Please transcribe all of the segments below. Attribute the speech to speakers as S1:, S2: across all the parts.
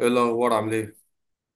S1: ايه الاخبار، عامل ايه؟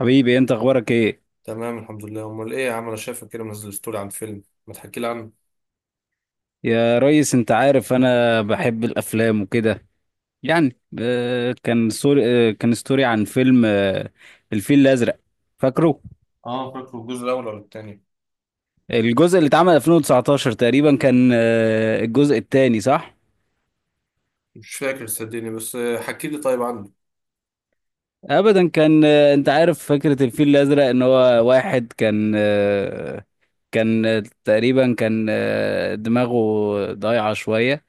S2: حبيبي انت اخبارك ايه؟
S1: تمام الحمد لله. امال ايه يا عم، انا شايفك كده منزل ستوري عن فيلم، ما تحكي لي عنه.
S2: يا ريس، انت عارف انا بحب الافلام وكده. كان سوري آه، كان ستوري عن فيلم. الفيل الازرق، فاكره؟
S1: اه فاكره، الجزء الاول ولا التاني؟
S2: الجزء اللي اتعمل 2019 تقريبا، كان آه، الجزء الثاني، صح.
S1: مش فاكر صدقني، بس حكي لي طيب عنه.
S2: ابدا، كان آه، انت عارف فكرة الفيل الازرق ان هو واحد كان آه، كان آه، تقريبا كان دماغه ضايعة شوية،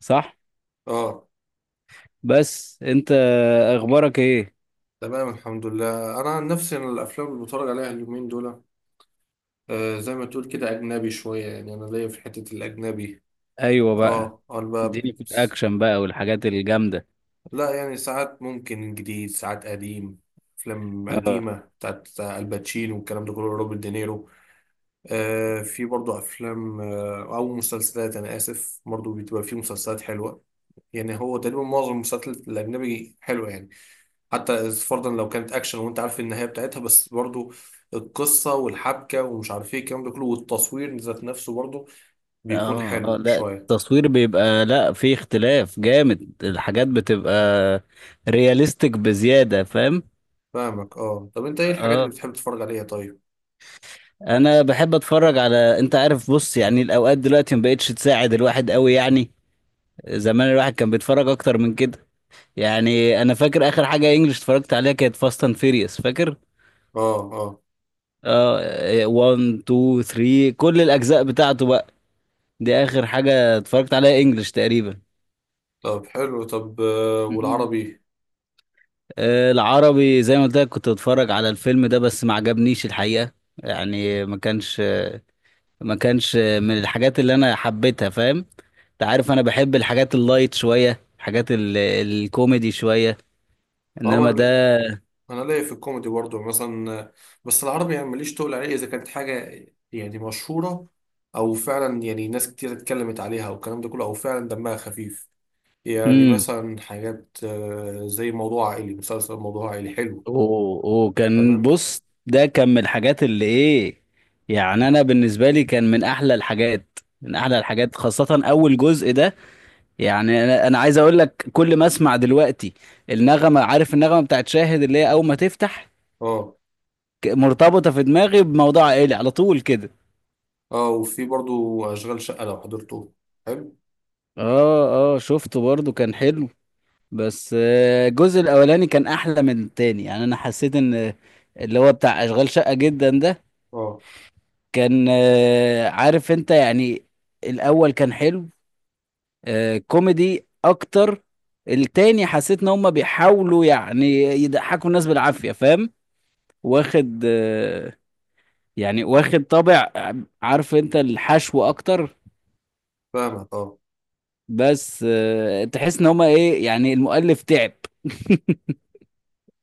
S2: صح.
S1: اه
S2: بس انت اخبارك ايه؟
S1: تمام الحمد لله. انا عن نفسي انا الافلام اللي بتفرج عليها اليومين دول زي ما تقول كده اجنبي شويه، يعني انا ليا في حته الاجنبي.
S2: ايوه بقى،
S1: اه انا بقى،
S2: اديني في الاكشن بقى والحاجات الجامده.
S1: لا يعني ساعات ممكن جديد ساعات قديم. افلام
S2: اه
S1: قديمه بتاعت الباتشينو والكلام ده كله، روبرت دينيرو. في برضو افلام او مسلسلات، انا اسف، برضو بتبقى في مسلسلات حلوه. يعني هو تقريبا معظم المسلسلات الاجنبي حلوه يعني، حتى فرضا لو كانت اكشن وانت عارف النهايه بتاعتها، بس برضو القصه والحبكه ومش عارف ايه الكلام ده كله، والتصوير ذات نفسه برضو بيكون
S2: اه اه،
S1: حلو
S2: لا
S1: شويه.
S2: التصوير بيبقى، لا في اختلاف جامد، الحاجات بتبقى رياليستيك بزيادة، فاهم.
S1: فاهمك اه. طب انت ايه الحاجات اللي
S2: اه،
S1: بتحب تتفرج عليها طيب؟
S2: انا بحب اتفرج على، انت عارف، بص يعني الاوقات دلوقتي ما بقتش تساعد الواحد قوي يعني. زمان الواحد كان بيتفرج اكتر من كده. يعني انا فاكر اخر حاجة انجلش اتفرجت عليها كانت فاست اند فيريوس، فاكر؟
S1: اه اه.
S2: اه 1 2 3، كل الاجزاء بتاعته بقى، دي اخر حاجه اتفرجت عليها انجلش تقريبا.
S1: طب حلو، طب
S2: مم.
S1: والعربي؟
S2: آه، العربي زي ما قلت لك كنت بتفرج على الفيلم ده، بس ما عجبنيش الحقيقه. يعني ما كانش من الحاجات اللي انا حبيتها، فاهم. انت عارف انا بحب الحاجات اللايت شويه، الكوميدي شويه،
S1: اه
S2: انما ده.
S1: انا ليا في الكوميدي برضه مثلا، بس العربي يعني ماليش تقول عليه اذا كانت حاجه يعني مشهوره، او فعلا يعني ناس كتير اتكلمت عليها والكلام ده كله او فعلا دمها خفيف. يعني
S2: امم،
S1: مثلا حاجات زي موضوع عائلي. مسلسل موضوع عائلي حلو.
S2: وكان،
S1: تمام.
S2: بص ده كان من الحاجات اللي ايه، يعني انا بالنسبه لي كان من احلى الحاجات، من احلى الحاجات، خاصه اول جزء ده. يعني انا عايز اقول لك كل ما اسمع دلوقتي النغمه، عارف النغمه بتاعت شاهد اللي هي اول ما تفتح،
S1: اه
S2: مرتبطه في دماغي بموضوع عائلي على طول كده.
S1: اه، وفي برضه اشغال شقه لو حضرته، حلو.
S2: اه اه، شفته برضو كان حلو. بس الجزء الاولاني كان احلى من التاني. يعني انا حسيت ان اللي هو بتاع اشغال شقه جدا ده
S1: اه
S2: كان عارف انت يعني، الاول كان حلو، آه، كوميدي اكتر. التاني حسيت ان هم بيحاولوا يعني يضحكوا الناس بالعافيه، فاهم. واخد آه، يعني واخد طابع عارف انت، الحشو اكتر.
S1: فاهمك اه.
S2: بس تحس ان هما ايه، يعني المؤلف تعب.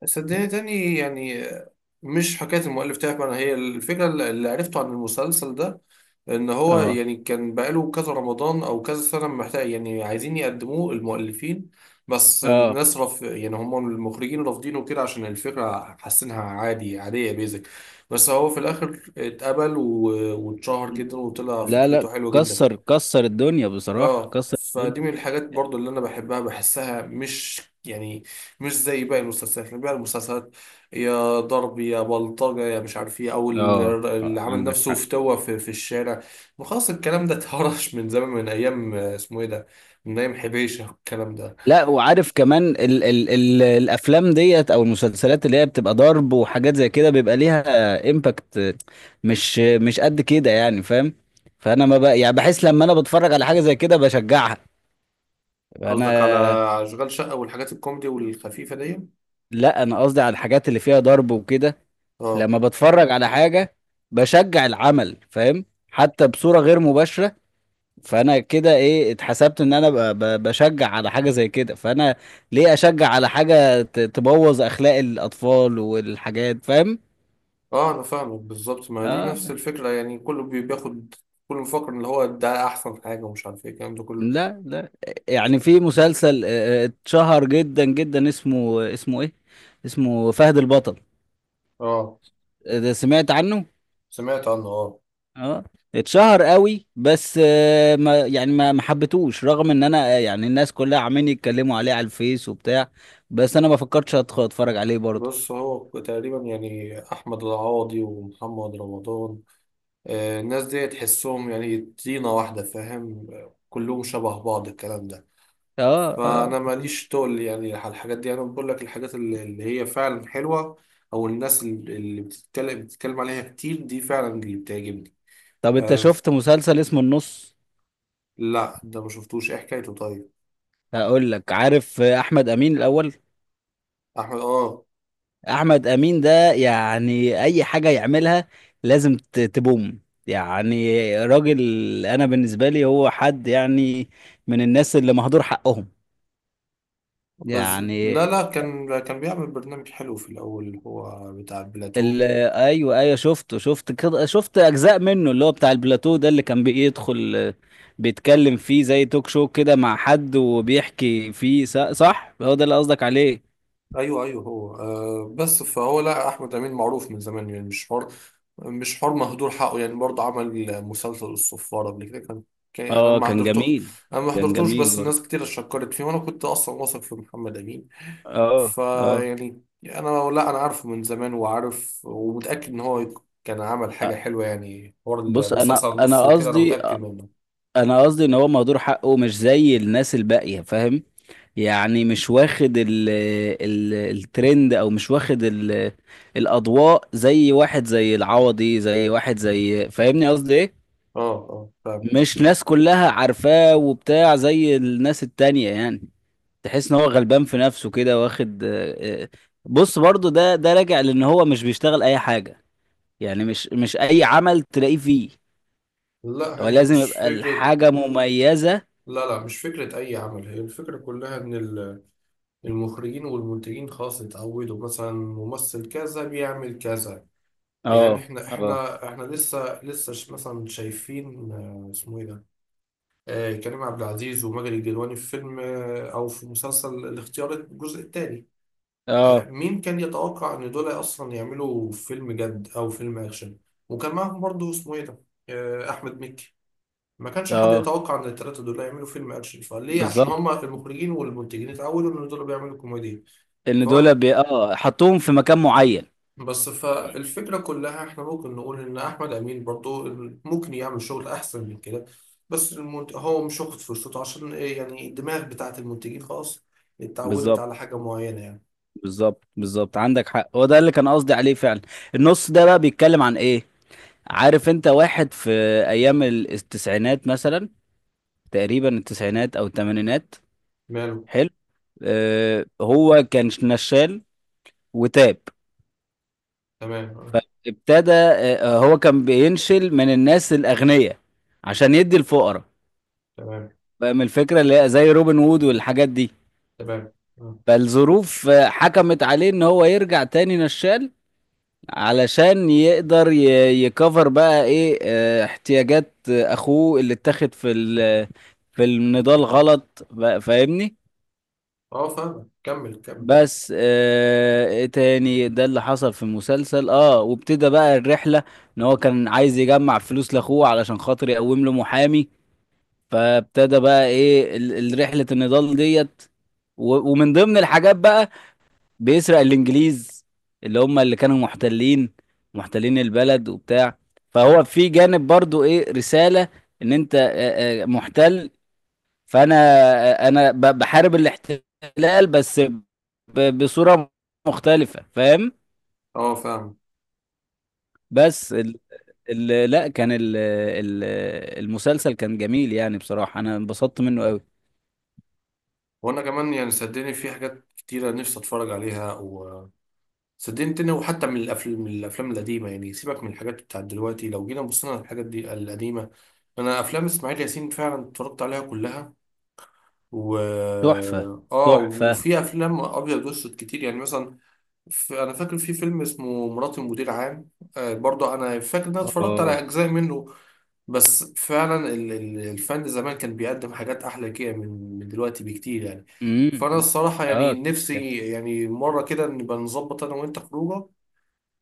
S1: صدقني تاني يعني مش حكايه المؤلف تعب، انا هي الفكره اللي عرفته عن المسلسل ده، ان هو
S2: اه
S1: يعني كان بقاله كذا رمضان او كذا سنه محتاج، يعني عايزين يقدموه المؤلفين، بس
S2: اه،
S1: الناس رف يعني هم المخرجين رافضينه كده عشان الفكره حاسينها عادي، عاديه بيزك. بس هو في الاخر اتقبل و- واتشهر جدا وطلع
S2: لا لا،
S1: فكرته حلوه جدا.
S2: كسر الدنيا بصراحة،
S1: اه
S2: كسر الدنيا.
S1: فدي من الحاجات برضو اللي انا بحبها، بحسها مش يعني مش زي باقي المسلسلات، لأن باقي المسلسلات يا ضرب يا بلطجة يا مش عارف ايه، او
S2: اه
S1: اللي
S2: آه،
S1: عامل
S2: عندك
S1: نفسه
S2: حق.
S1: فتوة في الشارع. ما خلاص، الكلام ده اتهرش من زمان، من ايام اسمه ايه ده، من ايام حبيشة الكلام ده.
S2: لا وعارف كمان ال الافلام ديت او المسلسلات اللي هي بتبقى ضرب وحاجات زي كده بيبقى ليها امباكت مش قد كده، يعني فاهم. فانا ما بقى يعني بحس لما انا بتفرج على حاجة زي كده بشجعها انا.
S1: قصدك على اشغال شقة والحاجات الكوميدي والخفيفة دي؟
S2: لا انا قصدي على الحاجات اللي فيها ضرب وكده.
S1: اه
S2: لما بتفرج على حاجة، بشجع العمل، فاهم، حتى بصورة غير مباشرة. فانا كده ايه اتحسبت ان انا بشجع على حاجة زي كده. فانا ليه اشجع على حاجة تبوظ اخلاق الاطفال والحاجات، فاهم.
S1: اه انا فاهمك بالظبط، ما دي
S2: اه
S1: نفس الفكرة، يعني كله بياخد، كله مفكر ان هو ده احسن حاجة ومش عارف ايه الكلام ده كله.
S2: لا لا. يعني في مسلسل آه، اتشهر جدا جدا اسمه اسمه فهد البطل.
S1: اه
S2: آه، ده سمعت عنه.
S1: سمعت عنه اه.
S2: اه، اتشهر قوي، بس آه، ما يعني ما ما حبيتهوش، رغم ان انا آه، يعني الناس كلها عمالين يتكلموا عليه على الفيس وبتاع، بس انا ما فكرتش أدخل اتفرج عليه برضه.
S1: بص هو تقريبا يعني احمد العوضي ومحمد رمضان، الناس دي تحسهم يعني طينة واحدة، فاهم، كلهم شبه بعض الكلام ده.
S2: اه اه.
S1: فانا ماليش تقل يعني على الحاجات دي، انا بقول لك الحاجات اللي هي فعلا حلوة، او الناس اللي بتتكلم عليها كتير دي فعلا اللي بتعجبني.
S2: طب انت
S1: آه.
S2: شفت مسلسل اسمه النص؟
S1: لا ده ما شفتوش، ايه حكايته طيب؟
S2: هقول لك، عارف آه، احمد امين الاول،
S1: احمد اه.
S2: احمد امين ده يعني اي حاجة يعملها لازم تبوم. يعني راجل، انا بالنسبة لي هو حد يعني من الناس اللي مهدور حقهم.
S1: بس
S2: يعني
S1: لا لا كان بيعمل برنامج حلو في الاول، هو بتاع بلاتو.
S2: ال- ايوه ايوه، شفته شفت كده شفت اجزاء منه اللي هو بتاع البلاتو ده، اللي كان بيدخل آه، بيتكلم فيه زي توك شو كده مع حد، وبيحكي فيه صح، هو ده اللي قصدك عليه.
S1: ايوه ايوه هو آه. بس فهو، لا احمد امين معروف من زمان، يعني مش حر، مش حر مهدور حقه. يعني برضه عمل مسلسل الصفاره قبل كده، كان يعني انا
S2: اه
S1: ما
S2: كان
S1: حضرته.
S2: جميل.
S1: انا ما
S2: كان
S1: حضرتوش،
S2: جميل
S1: بس الناس
S2: برضه.
S1: كتير شكرت فيه، وانا كنت اصلا واثق في محمد امين.
S2: اه اه.
S1: فيعني انا، لا انا عارفه من زمان، وعارف ومتاكد ان هو كان عمل
S2: أ-
S1: حاجه حلوه. يعني حوار
S2: بص انا
S1: المسلسل
S2: انا
S1: النص وكده انا
S2: قصدي،
S1: متاكد منه.
S2: انا قصدي ان هو مهدور حقه مش زي الناس الباقيه، فاهم. يعني مش واخد ال الترند، او مش واخد ال الاضواء زي واحد زي العوضي، زي واحد زي، فاهمني قصدي ايه،
S1: اه اه فاهم.
S2: مش ناس كلها عارفاه وبتاع زي الناس التانية يعني. تحس ان هو غلبان في نفسه كده، واخد آه، آه. بص برضو ده راجع لان هو مش بيشتغل اي حاجة، يعني مش اي عمل تلاقيه فيه،
S1: لا
S2: هو
S1: هي
S2: لازم
S1: مش
S2: يبقى
S1: فكره،
S2: الحاجة مميزة.
S1: لا لا مش فكره اي عمل، هي الفكره كلها ان المخرجين والمنتجين خلاص اتعودوا مثلا ممثل كذا بيعمل كذا. يعني
S2: اه
S1: احنا
S2: اه
S1: احنا لسه مثلا شايفين اسمه ايه ده، كريم عبد العزيز وماجد الكدواني في فيلم او في مسلسل الاختيار الجزء الثاني.
S2: اه
S1: مين كان يتوقع ان دول اصلا يعملوا فيلم جد او فيلم اكشن؟ وكان معاهم برضه اسمه ايه ده، احمد مكي. ما كانش حد
S2: اه،
S1: يتوقع ان الثلاثه دول يعملوا فيلم اكشن، فليه؟ عشان
S2: بالظبط.
S1: هما المخرجين والمنتجين اتعودوا ان دول بيعملوا كوميديا.
S2: ان
S1: فهو،
S2: دول بي... اه حطوهم في مكان معين.
S1: بس فالفكرة كلها احنا ممكن نقول ان احمد امين برضو ممكن يعمل شغل احسن من كده، بس هو مش واخد فرصته، عشان ايه؟ يعني الدماغ بتاعت المنتجين خلاص اتعودت
S2: بالظبط
S1: على حاجة معينة يعني.
S2: بالظبط بالظبط عندك حق، هو ده اللي كان قصدي عليه فعلا. النص ده بقى بيتكلم عن ايه، عارف، انت واحد في ايام التسعينات مثلا، تقريبا التسعينات او الثمانينات.
S1: ماله؟
S2: حلو. آه، هو كان نشال وتاب،
S1: تمام اه.
S2: ابتدى، آه هو كان بينشل من الناس الاغنياء عشان يدي الفقراء،
S1: تمام
S2: فاهم الفكره، اللي هي زي روبن وود والحاجات دي.
S1: تمام. اه
S2: فالظروف آه، حكمت عليه ان هو يرجع تاني نشال علشان يقدر يكفر بقى ايه احتياجات اخوه اللي اتاخد في في النضال غلط بقى، فاهمني.
S1: اه فاهم، كمل كمل.
S2: بس ايه تاني ده اللي حصل في المسلسل، اه، وابتدى بقى الرحلة، ان هو كان عايز يجمع فلوس لاخوه علشان خاطر يقوم له محامي. فابتدى بقى ايه رحلة النضال ديت، ومن ضمن الحاجات بقى بيسرق الانجليز اللي هم اللي كانوا محتلين، محتلين البلد وبتاع. فهو في جانب برضو ايه رسالة ان انت محتل، فانا آه، انا بحارب الاحتلال، بس بصورة مختلفة، فاهم.
S1: اه فاهم.
S2: بس ال ال لا كان ال ال المسلسل كان جميل يعني، بصراحة انا انبسطت منه قوي.
S1: وانا كمان يعني صدقني في حاجات كتيرة نفسي اتفرج عليها، وصدقني تاني، وحتى من الافلام، القديمة. يعني سيبك من الحاجات بتاعت دلوقتي، لو جينا بصينا على الحاجات دي القديمة، انا افلام اسماعيل ياسين فعلا اتفرجت عليها كلها. و
S2: تحفة.
S1: اه.
S2: تحفة.
S1: وفي افلام ابيض واسود كتير، يعني مثلا انا فاكر في فيلم اسمه مراتي مدير عام. آه برضه انا فاكر ان انا اتفرجت
S2: اه.
S1: على اجزاء منه. بس فعلا الفن زمان كان بيقدم حاجات احلى كده من دلوقتي بكتير يعني.
S2: امم.
S1: فانا الصراحه يعني
S2: اه.
S1: نفسي يعني مره كده نبقى نظبط انا وانت خروجه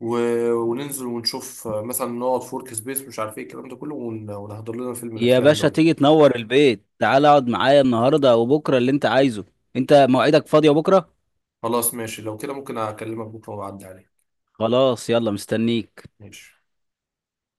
S1: و... وننزل ونشوف مثلا نقعد في ورك سبيس مش عارف ايه الكلام ده كله ونحضر لنا فيلم من
S2: يا
S1: الافلام
S2: باشا،
S1: دول.
S2: تيجي تنور البيت، تعال اقعد معايا النهارده وبكره اللي انت عايزه. انت موعدك فاضيه بكره؟
S1: خلاص ماشي، لو كده ممكن اكلمك بكره واعدي عليك.
S2: خلاص، يلا، مستنيك.
S1: ماشي.